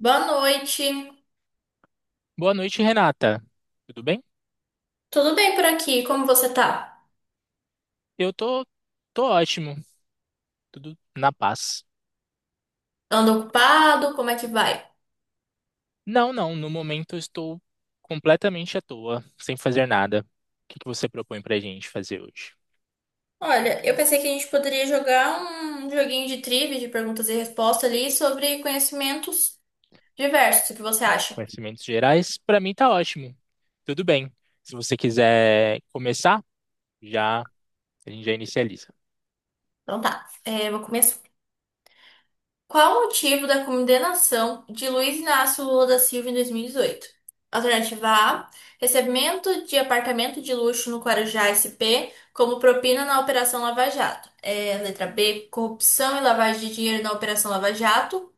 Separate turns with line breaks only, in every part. Boa noite.
Boa noite, Renata. Tudo bem?
Tudo bem por aqui? Como você tá?
Eu tô, Tô ótimo, tudo na paz.
Anda ocupado? Como é que vai?
Não, não, no momento eu estou completamente à toa, sem fazer nada. O que que você propõe pra gente fazer hoje?
Olha, eu pensei que a gente poderia jogar um joguinho de trivia, de perguntas e respostas ali sobre conhecimentos diversos. O que você acha?
Conhecimentos gerais, pra mim tá ótimo. Tudo bem. Se você quiser começar, já a gente já inicializa.
Então tá, é, vou começar. Qual o motivo da condenação de Luiz Inácio Lula da Silva em 2018? Alternativa A: recebimento de apartamento de luxo no Guarujá SP como propina na Operação Lava Jato. É, letra B: corrupção e lavagem de dinheiro na Operação Lava Jato.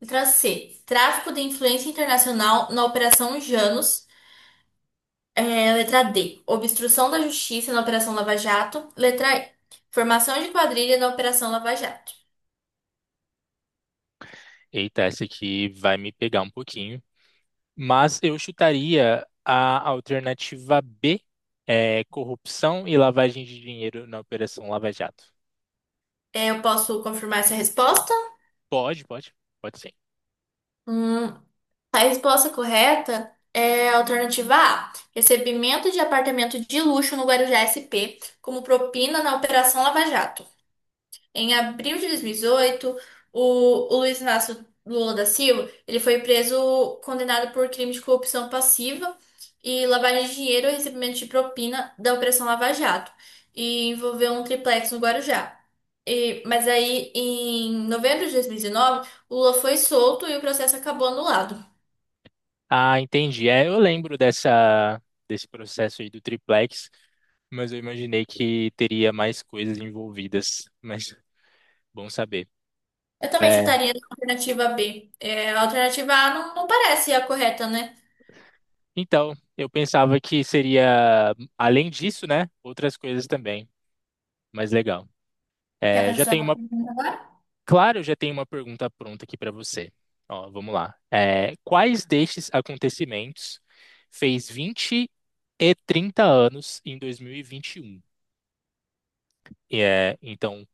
Letra C: tráfico de influência internacional na Operação Janos. É, letra D: obstrução da justiça na Operação Lava Jato. Letra E: formação de quadrilha na Operação Lava Jato.
Eita, essa aqui vai me pegar um pouquinho. Mas eu chutaria a alternativa B, corrupção e lavagem de dinheiro na Operação Lava Jato.
É, eu posso confirmar essa resposta?
Pode, pode, pode sim.
Hum, A resposta correta é a alternativa A. Recebimento de apartamento de luxo no Guarujá SP como propina na Operação Lava Jato. Em abril de 2018, o Luiz Inácio Lula da Silva, ele foi preso condenado por crime de corrupção passiva e lavagem de dinheiro e recebimento de propina da Operação Lava Jato e envolveu um triplex no Guarujá. Mas aí, em novembro de 2019, o Lula foi solto e o processo acabou anulado.
Ah, entendi. É, eu lembro dessa, desse processo aí do Triplex, mas eu imaginei que teria mais coisas envolvidas. Mas bom saber.
Eu também
É,
chutaria a alternativa B. É, a alternativa A não, não parece a correta, né?
então, eu pensava que seria, além disso, né, outras coisas também. Mas legal.
Quer
É, eu
fazer
já
sua
tenho uma.
pergunta agora?
Claro, eu já tenho uma pergunta pronta aqui para você. Ó, vamos lá. Quais destes acontecimentos fez 20 e 30 anos em 2021? E, vinte e um? E, é, então,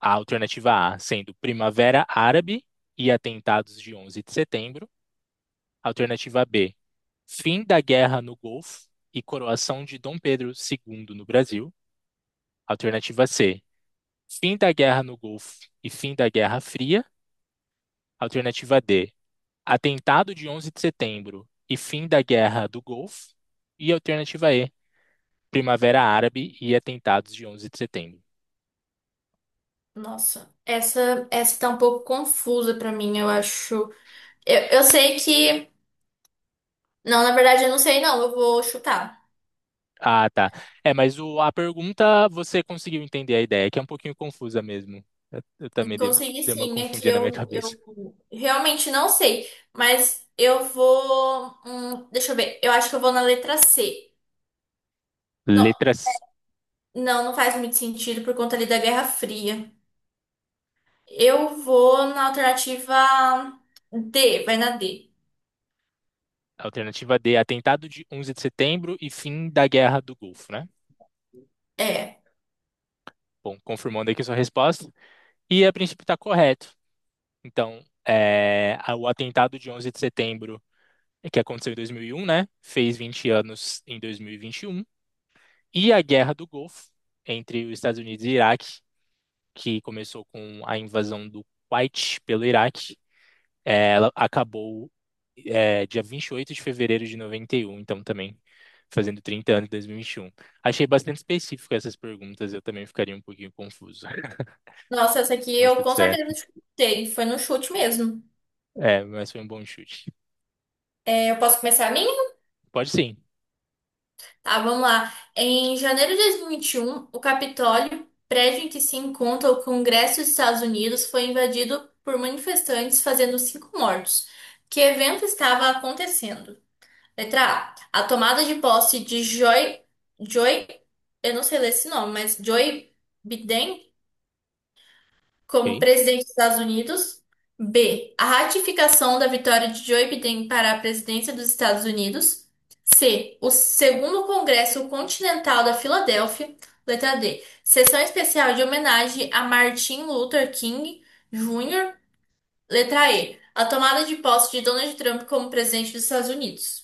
A alternativa A sendo Primavera Árabe e atentados de 11 de setembro. Alternativa B, fim da guerra no Golfo e coroação de Dom Pedro II no Brasil. Alternativa C, fim da guerra no Golfo e fim da Guerra Fria. Alternativa D, atentado de 11 de setembro e fim da Guerra do Golfo. E alternativa E, Primavera Árabe e atentados de 11 de setembro.
Nossa, essa tá um pouco confusa pra mim, eu acho. Eu sei que. Não, na verdade, eu não sei, não. Eu vou chutar.
Ah, tá. É, mas a pergunta você conseguiu entender a ideia, que é um pouquinho confusa mesmo. Eu também
Consegui
dei uma
sim, aqui
confundida na minha
eu,
cabeça.
eu realmente não sei. Mas eu vou. Deixa eu ver. Eu acho que eu vou na letra C. Não,
Letras.
não, não faz muito sentido por conta ali da Guerra Fria. Eu vou na alternativa D, vai na D.
Alternativa D, atentado de 11 de setembro e fim da Guerra do Golfo, né?
É.
Bom, confirmando aqui sua resposta. E a princípio está correto. Então, é, o atentado de 11 de setembro é que aconteceu em 2001, né? Fez 20 anos em dois mil e vinte e um. E a Guerra do Golfo entre os Estados Unidos e Iraque, que começou com a invasão do Kuwait pelo Iraque, ela acabou dia 28 de fevereiro de 91. Então também fazendo 30 anos em 2021. Achei bastante específico essas perguntas, eu também ficaria um pouquinho confuso,
Nossa, essa aqui
mas
eu
tudo
com
certo.
certeza chutei. Foi no chute mesmo.
É, mas foi um bom chute.
É, eu posso começar a minha?
Pode sim,
Tá, vamos lá. Em janeiro de 2021, o Capitólio, prédio em que se encontra o Congresso dos Estados Unidos, foi invadido por manifestantes, fazendo cinco mortos. Que evento estava acontecendo? Letra A. A tomada de posse de Joy. Joy. Eu não sei ler esse nome, mas Joy Biden como
ok?
presidente dos Estados Unidos. B. A ratificação da vitória de Joe Biden para a presidência dos Estados Unidos. C. O segundo Congresso Continental da Filadélfia. Letra D. Sessão especial de homenagem a Martin Luther King Jr. Letra E. A tomada de posse de Donald Trump como presidente dos Estados Unidos.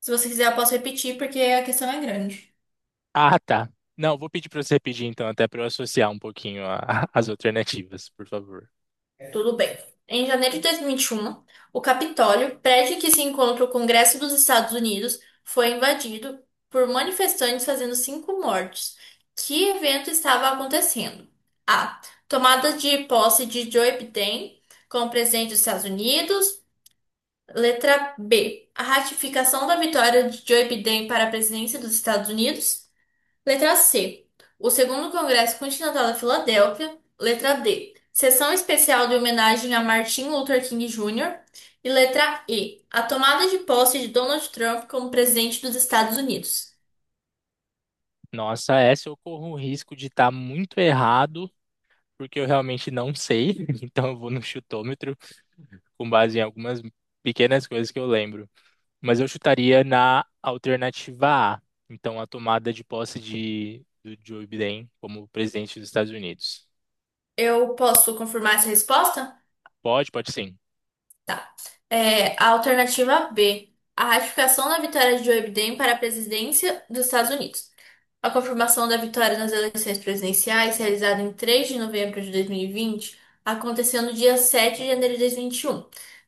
Se você quiser, eu posso repetir porque a questão é grande.
Ah, tá. Não, vou pedir para você repetir então, até para eu associar um pouquinho as alternativas, por favor.
Tudo bem. Em janeiro de 2021, o Capitólio, prédio em que se encontra o Congresso dos Estados Unidos, foi invadido por manifestantes fazendo cinco mortes. Que evento estava acontecendo? A. Tomada de posse de Joe Biden como presidente dos Estados Unidos. Letra B. A ratificação da vitória de Joe Biden para a presidência dos Estados Unidos. Letra C. O segundo Congresso Continental da Filadélfia. Letra D. Sessão especial de homenagem a Martin Luther King Jr. E letra E. A tomada de posse de Donald Trump como presidente dos Estados Unidos.
Nossa, essa eu corro o risco de estar muito errado, porque eu realmente não sei, então eu vou no chutômetro, com base em algumas pequenas coisas que eu lembro. Mas eu chutaria na alternativa A, então a tomada de posse do Joe Biden como presidente dos Estados Unidos.
Eu posso confirmar essa resposta?
Pode, pode sim.
Tá. É, a alternativa B. A ratificação da vitória de Joe Biden para a presidência dos Estados Unidos. A confirmação da vitória nas eleições presidenciais, realizada em 3 de novembro de 2020, aconteceu no dia 7 de janeiro de dois mil e vinte e um,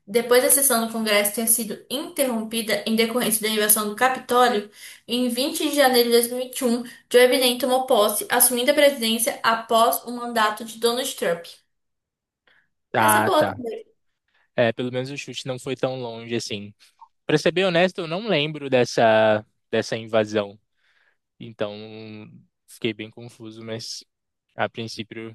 depois da sessão do Congresso ter sido interrompida em decorrência da invasão do Capitólio. Em 20 de janeiro de dois mil e vinte e um, Joe Biden tomou posse, assumindo a presidência após o mandato de Donald Trump. Essa é
Ah,
boa.
tá. É, pelo menos o chute não foi tão longe assim. Pra ser bem honesto, eu não lembro dessa, dessa invasão. Então, fiquei bem confuso, mas a princípio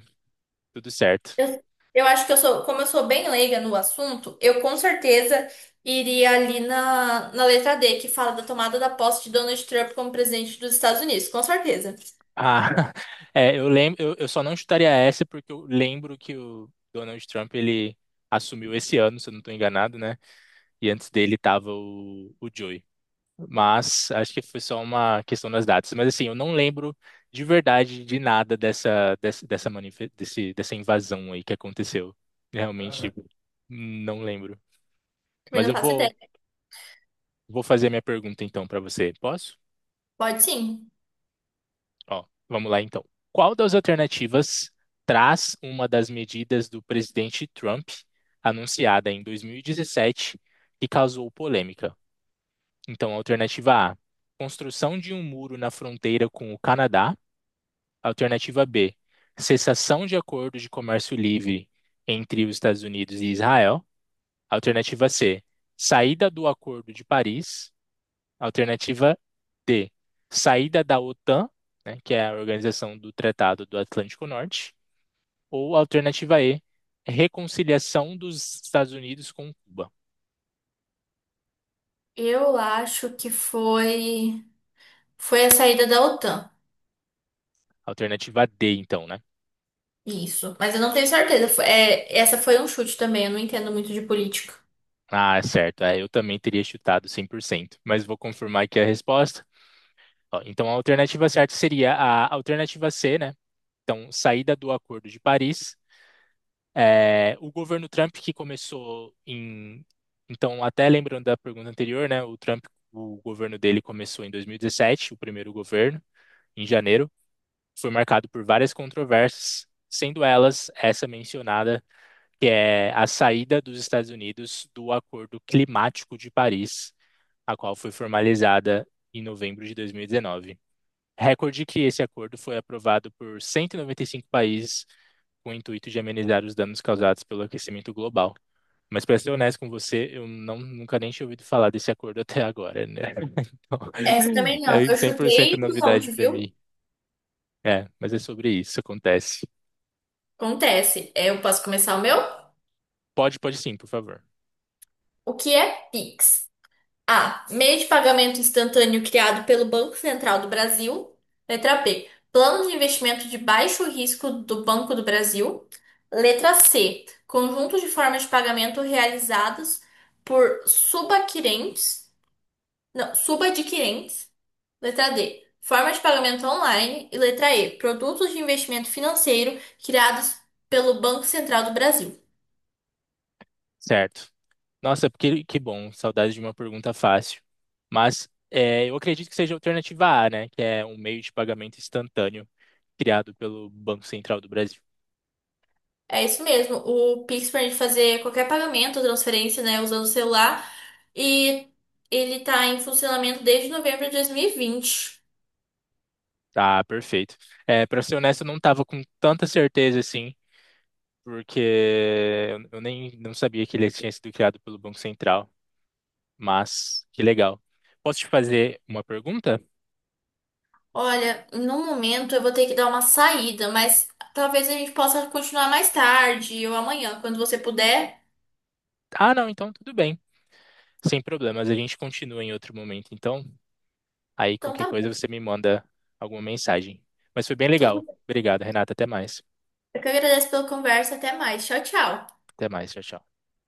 tudo certo.
Eu, eu acho que eu sou, como eu sou bem leiga no assunto, eu com certeza iria ali na, na letra D, que fala da tomada da posse de Donald Trump como presidente dos Estados Unidos, com certeza.
Ah, é, eu lembro, eu só não chutaria essa porque eu lembro que o Donald Trump ele assumiu esse ano, se eu não estou enganado, né? E antes dele tava o Joe. Mas acho que foi só uma questão das datas. Mas assim, eu não lembro de verdade de nada dessa dessa invasão aí que aconteceu. Realmente não lembro.
Também
Mas
não faço ideia.
vou fazer minha pergunta então para você. Posso?
Pode sim.
Ó, vamos lá então. Qual das alternativas traz uma das medidas do presidente Trump anunciada em 2017 que causou polêmica? Então, alternativa A, construção de um muro na fronteira com o Canadá. Alternativa B, cessação de acordo de comércio livre entre os Estados Unidos e Israel. Alternativa C, saída do Acordo de Paris. Alternativa D, saída da OTAN, né, que é a Organização do Tratado do Atlântico Norte. Ou alternativa E, reconciliação dos Estados Unidos com Cuba.
Eu acho que foi a saída da OTAN.
Alternativa D, então, né?
Isso, mas eu não tenho certeza. É, essa foi um chute também, eu não entendo muito de política.
Ah, certo. É, eu também teria chutado cem por cento, mas vou confirmar aqui a resposta. Ó, então, a alternativa certa seria a alternativa C, né? Então, saída do Acordo de Paris. O governo Trump que começou em, então até lembrando da pergunta anterior, né? O Trump, o governo dele começou em 2017, o primeiro governo, em janeiro, foi marcado por várias controvérsias, sendo elas essa mencionada, que é a saída dos Estados Unidos do Acordo Climático de Paris, a qual foi formalizada em novembro de 2019. Recorde que esse acordo foi aprovado por 195 países com o intuito de amenizar os danos causados pelo aquecimento global. Mas para ser honesto com você, eu não, nunca nem tinha ouvido falar desse acordo até agora, né?
Essa
Então,
também não,
é
eu
100%
chutei
novidade
longe,
para
viu?
mim. É, mas é sobre isso, acontece.
Acontece. É, eu posso começar o meu?
Pode, pode sim, por favor.
O que é PIX? A. Meio de pagamento instantâneo criado pelo Banco Central do Brasil. Letra B. Plano de investimento de baixo risco do Banco do Brasil. Letra C. Conjunto de formas de pagamento realizadas por subadquirentes. Não, subadquirentes. Letra D. Forma de pagamento online. E letra E. Produtos de investimento financeiro criados pelo Banco Central do Brasil.
Certo. Nossa, que bom, saudade de uma pergunta fácil. Mas é, eu acredito que seja a alternativa A, né? Que é um meio de pagamento instantâneo criado pelo Banco Central do Brasil.
É isso mesmo. O Pix permite fazer qualquer pagamento, transferência, né, usando o celular. E ele tá em funcionamento desde novembro de 2020.
Tá, perfeito. É, para ser honesto, eu não estava com tanta certeza assim, porque eu nem não sabia que ele tinha sido criado pelo Banco Central. Mas que legal. Posso te fazer uma pergunta?
Olha, no momento eu vou ter que dar uma saída, mas talvez a gente possa continuar mais tarde ou amanhã, quando você puder.
Ah, não, então tudo bem. Sem problemas, a gente continua em outro momento, então. Aí
Então
qualquer
tá bom.
coisa você me manda alguma mensagem. Mas foi bem
Tudo
legal.
bem.
Obrigado, Renata. Até mais.
Eu que agradeço pela conversa. Até mais. Tchau, tchau.
Até mais. Tchau, tchau.